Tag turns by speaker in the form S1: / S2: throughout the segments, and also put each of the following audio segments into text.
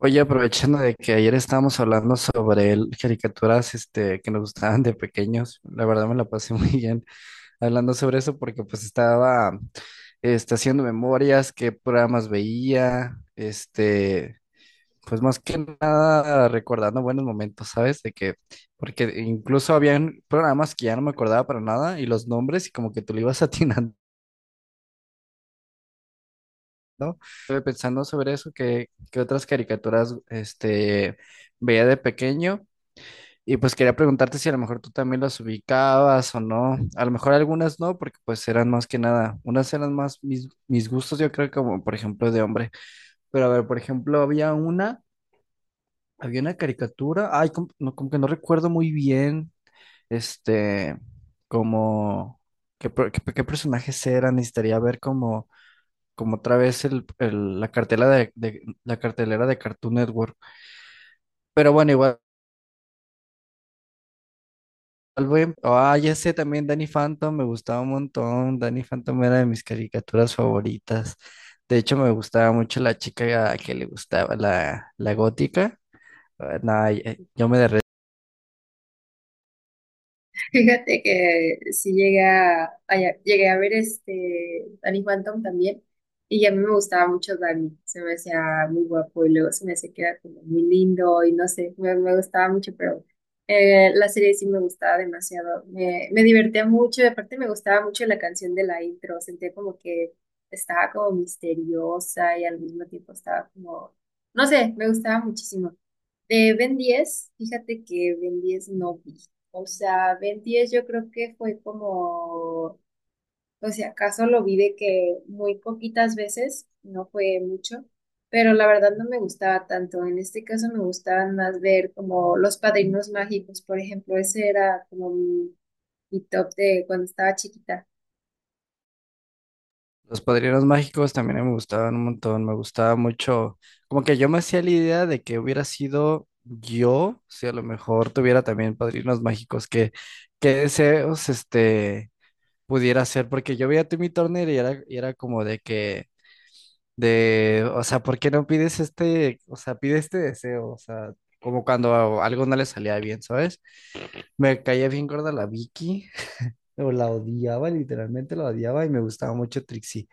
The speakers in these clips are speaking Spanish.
S1: Oye, aprovechando de que ayer estábamos hablando sobre caricaturas que nos gustaban de pequeños, la verdad me la pasé muy bien hablando sobre eso porque pues estaba haciendo memorias, qué programas veía, pues más que nada recordando buenos momentos, ¿sabes? Porque incluso habían programas que ya no me acordaba para nada y los nombres y como que tú le ibas atinando. Estuve pensando sobre eso, que otras caricaturas veía de pequeño. Y pues quería preguntarte si a lo mejor tú también las ubicabas o no. A lo mejor algunas no, porque pues eran más que nada, unas eran más mis gustos, yo creo, como por ejemplo de hombre. Pero a ver, por ejemplo, había una caricatura, ay, como que no recuerdo muy bien, este, como, qué personajes eran, necesitaría ver como otra vez la cartelera de Cartoon Network. Pero bueno, igual. Salve. Ah, ya sé, también Danny Phantom me gustaba un montón. Danny Phantom era de mis caricaturas favoritas. De hecho, me gustaba mucho la chica que le gustaba, la gótica. Ah, nada, yo me...
S2: Fíjate que sí llega, llegué a ver Danny Phantom también y a mí me gustaba mucho Danny, se me hacía muy guapo y luego se me hacía que era como muy lindo y no sé, me gustaba mucho, pero la serie sí me gustaba demasiado, me divertía mucho y aparte me gustaba mucho la canción de la intro, sentía como que estaba como misteriosa y al mismo tiempo estaba como, no sé, me gustaba muchísimo. De Ben 10, fíjate que Ben 10 no vi. O sea, Ben 10 yo creo que fue como, o sea, acaso lo vi de que muy poquitas veces, no fue mucho, pero la verdad no me gustaba tanto. En este caso me gustaban más ver como Los Padrinos Mágicos, por ejemplo, ese era como mi top de cuando estaba chiquita.
S1: Los Padrinos Mágicos también me gustaban un montón. Me gustaba mucho. Como que yo me hacía la idea de que hubiera sido yo, si a lo mejor tuviera también Padrinos Mágicos, qué deseos pudiera hacer. Porque yo veía a Timmy Turner y era como de que de, o sea, ¿por qué no pides o sea, pide este deseo? O sea, como cuando algo no le salía bien, ¿sabes? Me caía bien gorda la Vicky, o la odiaba, literalmente la odiaba y me gustaba mucho Trixie,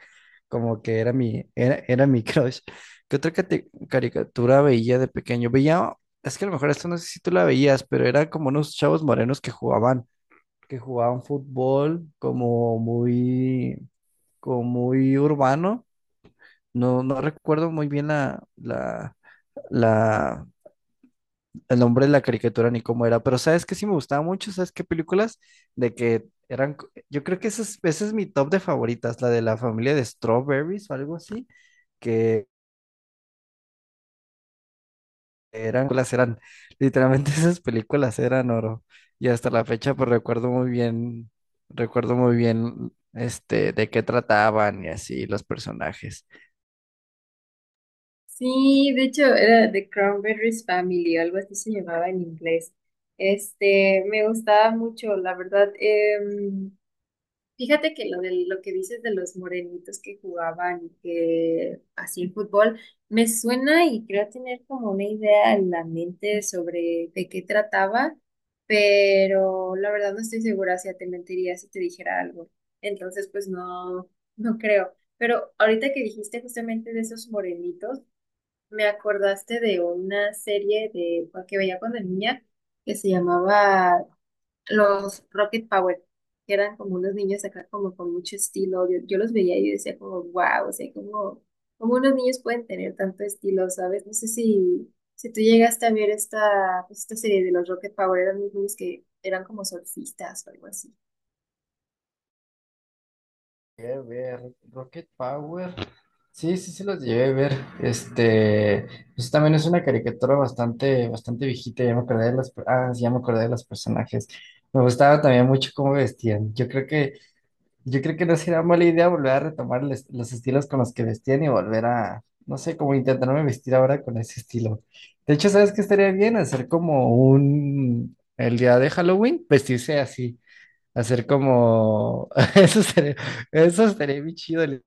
S1: como que era mi crush. ¿Qué otra caricatura veía de pequeño? Veía, es que a lo mejor esto no sé si tú la veías, pero era como unos chavos morenos que jugaban fútbol como muy urbano. No recuerdo muy bien la, el nombre de la caricatura ni cómo era, pero sabes que sí me gustaba mucho. ¿Sabes qué películas? De que yo creo que esa es mi top de favoritas, la de la familia de Strawberries o algo así, que eran, literalmente esas películas eran oro, y hasta la fecha pues recuerdo muy bien de qué trataban y así los personajes.
S2: Sí, de hecho era The Cranberries Family, algo así se llamaba en inglés. Este, me gustaba mucho, la verdad. Fíjate que lo que dices de los morenitos que jugaban que así en fútbol, me suena y creo tener como una idea en la mente sobre de qué trataba, pero la verdad no estoy segura si te mentiría si te dijera algo. Entonces, pues no, no creo. Pero ahorita que dijiste justamente de esos morenitos, me acordaste de una serie de que veía cuando niña que se llamaba los Rocket Power, que eran como unos niños acá como con mucho estilo. Yo los veía y yo decía como, wow, o sea, como, como unos niños pueden tener tanto estilo, ¿sabes? No sé si tú llegaste a ver esta, pues, esta serie de los Rocket Power, eran unos niños que eran como surfistas o algo así.
S1: Llegué a ver. Rocket Power. Sí, sí, sí los llegué a ver. Este, pues también es una caricatura bastante viejita. Ya me acordé de sí, ya me acordé de los personajes. Me gustaba también mucho cómo vestían. Yo creo que no sería mala idea volver a retomar los estilos con los que vestían y volver a, no sé, como intentarme vestir ahora con ese estilo. De hecho, ¿sabes qué estaría bien? Hacer como un, el día de Halloween, vestirse así. Hacer como, eso estaría, eso estaría bien chido,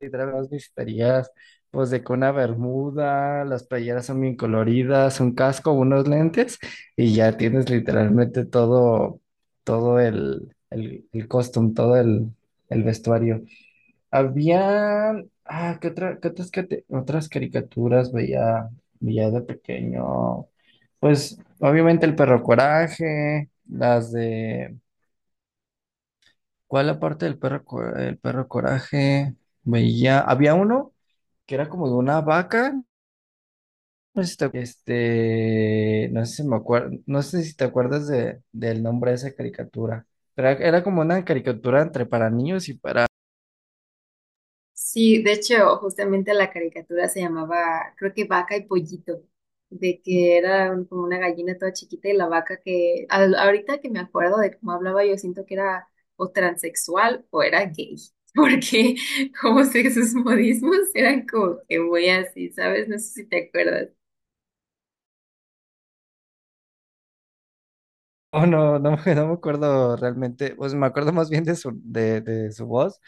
S1: literal, nada más necesitarías, pues, de que una bermuda, las playeras son bien coloridas, un casco, unos lentes, y ya tienes literalmente todo, el costume, el vestuario. Había, ah, ¿qué otra, qué otras, cate- ¿otras caricaturas veía de pequeño? Pues, obviamente el perro Coraje, las de... ¿Cuál la parte el perro coraje? Veía, había uno que era como de una vaca. No sé si te, no sé si te acuerdas del nombre de esa caricatura. Pero era como una caricatura entre para niños y para...
S2: Sí, de hecho, justamente la caricatura se llamaba, creo que Vaca y Pollito, de que era como una gallina toda chiquita y la vaca que, ahorita que me acuerdo de cómo hablaba, yo siento que era o transexual o era gay, porque como sé que sus modismos eran como que muy así, ¿sabes? No sé si te acuerdas.
S1: Oh, no me acuerdo realmente. Pues me acuerdo más bien de de su voz,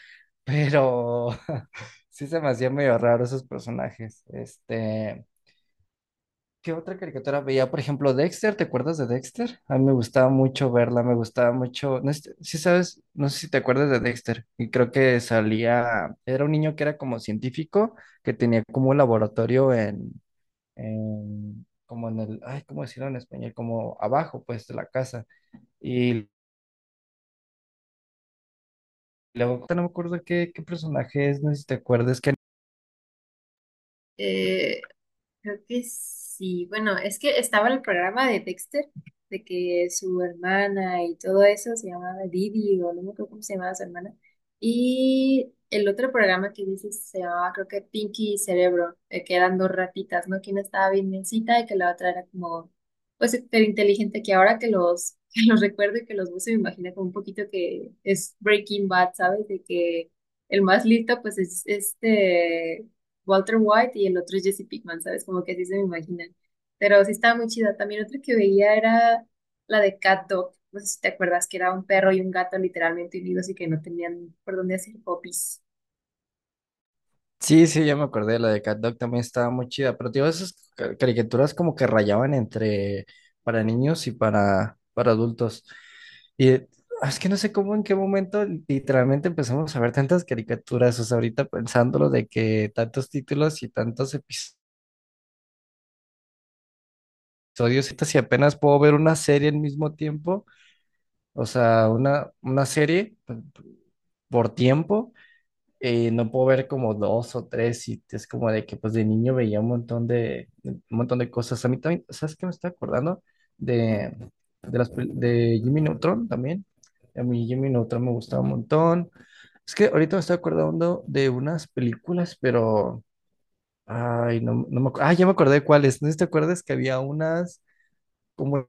S1: pero sí se me hacía medio raro esos personajes. Este. ¿Qué otra caricatura veía? Por ejemplo, Dexter, ¿te acuerdas de Dexter? A mí me gustaba mucho verla, me gustaba mucho, no sé si sabes, no sé si te acuerdas de Dexter, y creo que salía, era un niño que era como científico, que tenía como un laboratorio como en el, ay, ¿cómo decirlo en español? Como abajo, pues, de la casa, y luego, no me acuerdo qué personaje es, no sé si te acuerdas, que
S2: Creo que sí. Bueno, es que estaba en el programa de Dexter, de que su hermana y todo eso se llamaba Didi, o no me acuerdo cómo se llamaba su hermana. Y el otro programa que dices se llamaba, creo que Pinky y Cerebro, que eran dos ratitas, ¿no? Que una estaba bien necesita y que la otra era como, pues, súper inteligente, que ahora que los, que los recuerdo y que los uso, me imagino como un poquito que es Breaking Bad, ¿sabes? De que el más listo, pues, es este Walter White y el otro es Jesse Pinkman, ¿sabes? Como que así se me imaginan. Pero sí estaba muy chida. También otra que veía era la de Cat Dog. No sé si te acuerdas que era un perro y un gato literalmente unidos y que no tenían por dónde hacer popis.
S1: sí, sí, ya me acordé, la de Cat también estaba muy chida, pero tío, esas caricaturas como que rayaban entre para niños y para adultos. Y es que no sé cómo, en qué momento literalmente empezamos a ver tantas caricaturas, o sea, ahorita pensándolo de que tantos títulos y tantos episodios, y si apenas puedo ver una serie al mismo tiempo, o sea, una serie pues, por tiempo. Eh, no puedo ver como dos o tres y es como de que pues de niño veía un montón un montón de cosas. A mí también, ¿sabes qué me está acordando? De, de Jimmy Neutron también. A mí Jimmy Neutron me gustaba un montón. Es que ahorita me estoy acordando de unas películas, pero... Ay, no, no me acuerdo. Ah, ya me acordé cuáles. No sé si te acuerdas que había unas como...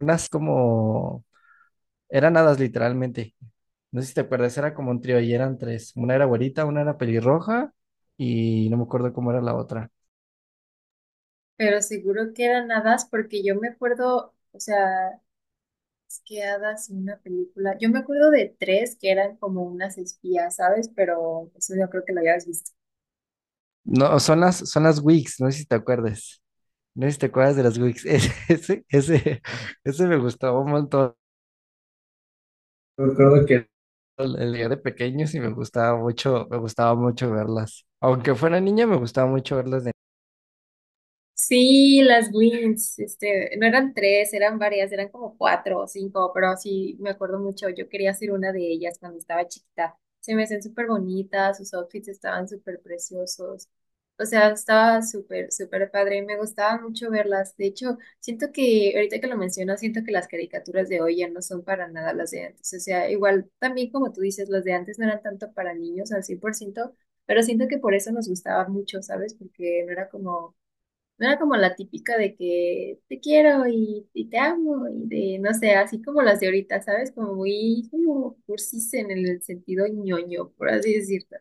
S1: Unas como... Eran hadas literalmente. No sé si te acuerdas, era como un trío y eran tres. Una era güerita, una era pelirroja y no me acuerdo cómo era la otra.
S2: Pero seguro que eran hadas porque yo me acuerdo, o sea, es que hadas en una película. Yo me acuerdo de tres que eran como unas espías, ¿sabes? Pero eso yo creo que lo habías visto.
S1: No, son son las Wigs, no sé si te acuerdas. No sé si te acuerdas de las Wigs. Ese me gustaba un montón.
S2: Recuerdo
S1: El día de pequeños y me gustaba mucho verlas. Aunque fuera niña, me gustaba mucho verlas.
S2: sí, las wins, este, no eran tres, eran varias, eran como cuatro o cinco, pero sí, me acuerdo mucho, yo quería ser una de ellas cuando estaba chiquita. Se me hacían súper bonitas, sus outfits estaban súper preciosos. O sea, estaba súper padre, y me gustaba mucho verlas. De hecho, siento que, ahorita que lo mencionas, siento que las caricaturas de hoy ya no son para nada las de antes. O sea, igual, también como tú dices, las de antes no eran tanto para niños al 100%, pero siento que por eso nos gustaba mucho, ¿sabes? Porque no era como la típica de que te quiero y te amo y de, no sé, así como las de ahorita, ¿sabes? Como muy como cursis en el sentido ñoño, por así decirlo.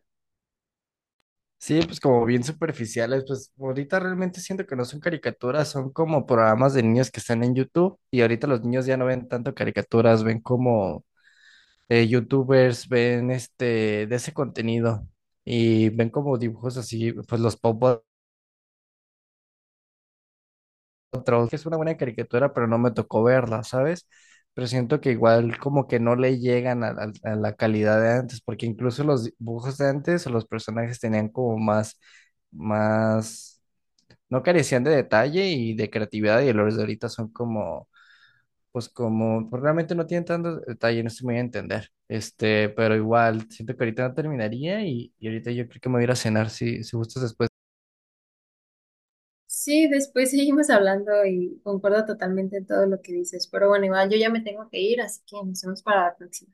S1: Sí, pues como bien superficiales, pues ahorita realmente siento que no son caricaturas, son como programas de niños que están en YouTube y ahorita los niños ya no ven tanto caricaturas, ven como YouTubers, ven este de ese contenido y ven como dibujos así, pues los Pop Patrol, que es una buena caricatura, pero no me tocó verla, ¿sabes? Pero siento que igual como que no le llegan a la calidad de antes, porque incluso los dibujos de antes o los personajes tenían como más más no carecían de detalle y de creatividad y los de ahorita son como, pues, realmente no tienen tanto detalle, no estoy muy a entender. Este, pero igual, siento que ahorita no terminaría y ahorita yo creo que me voy a ir a cenar si gustas después.
S2: Sí, después seguimos hablando y concuerdo totalmente en todo lo que dices, pero bueno, igual yo ya me tengo que ir, así que nos vemos para la próxima.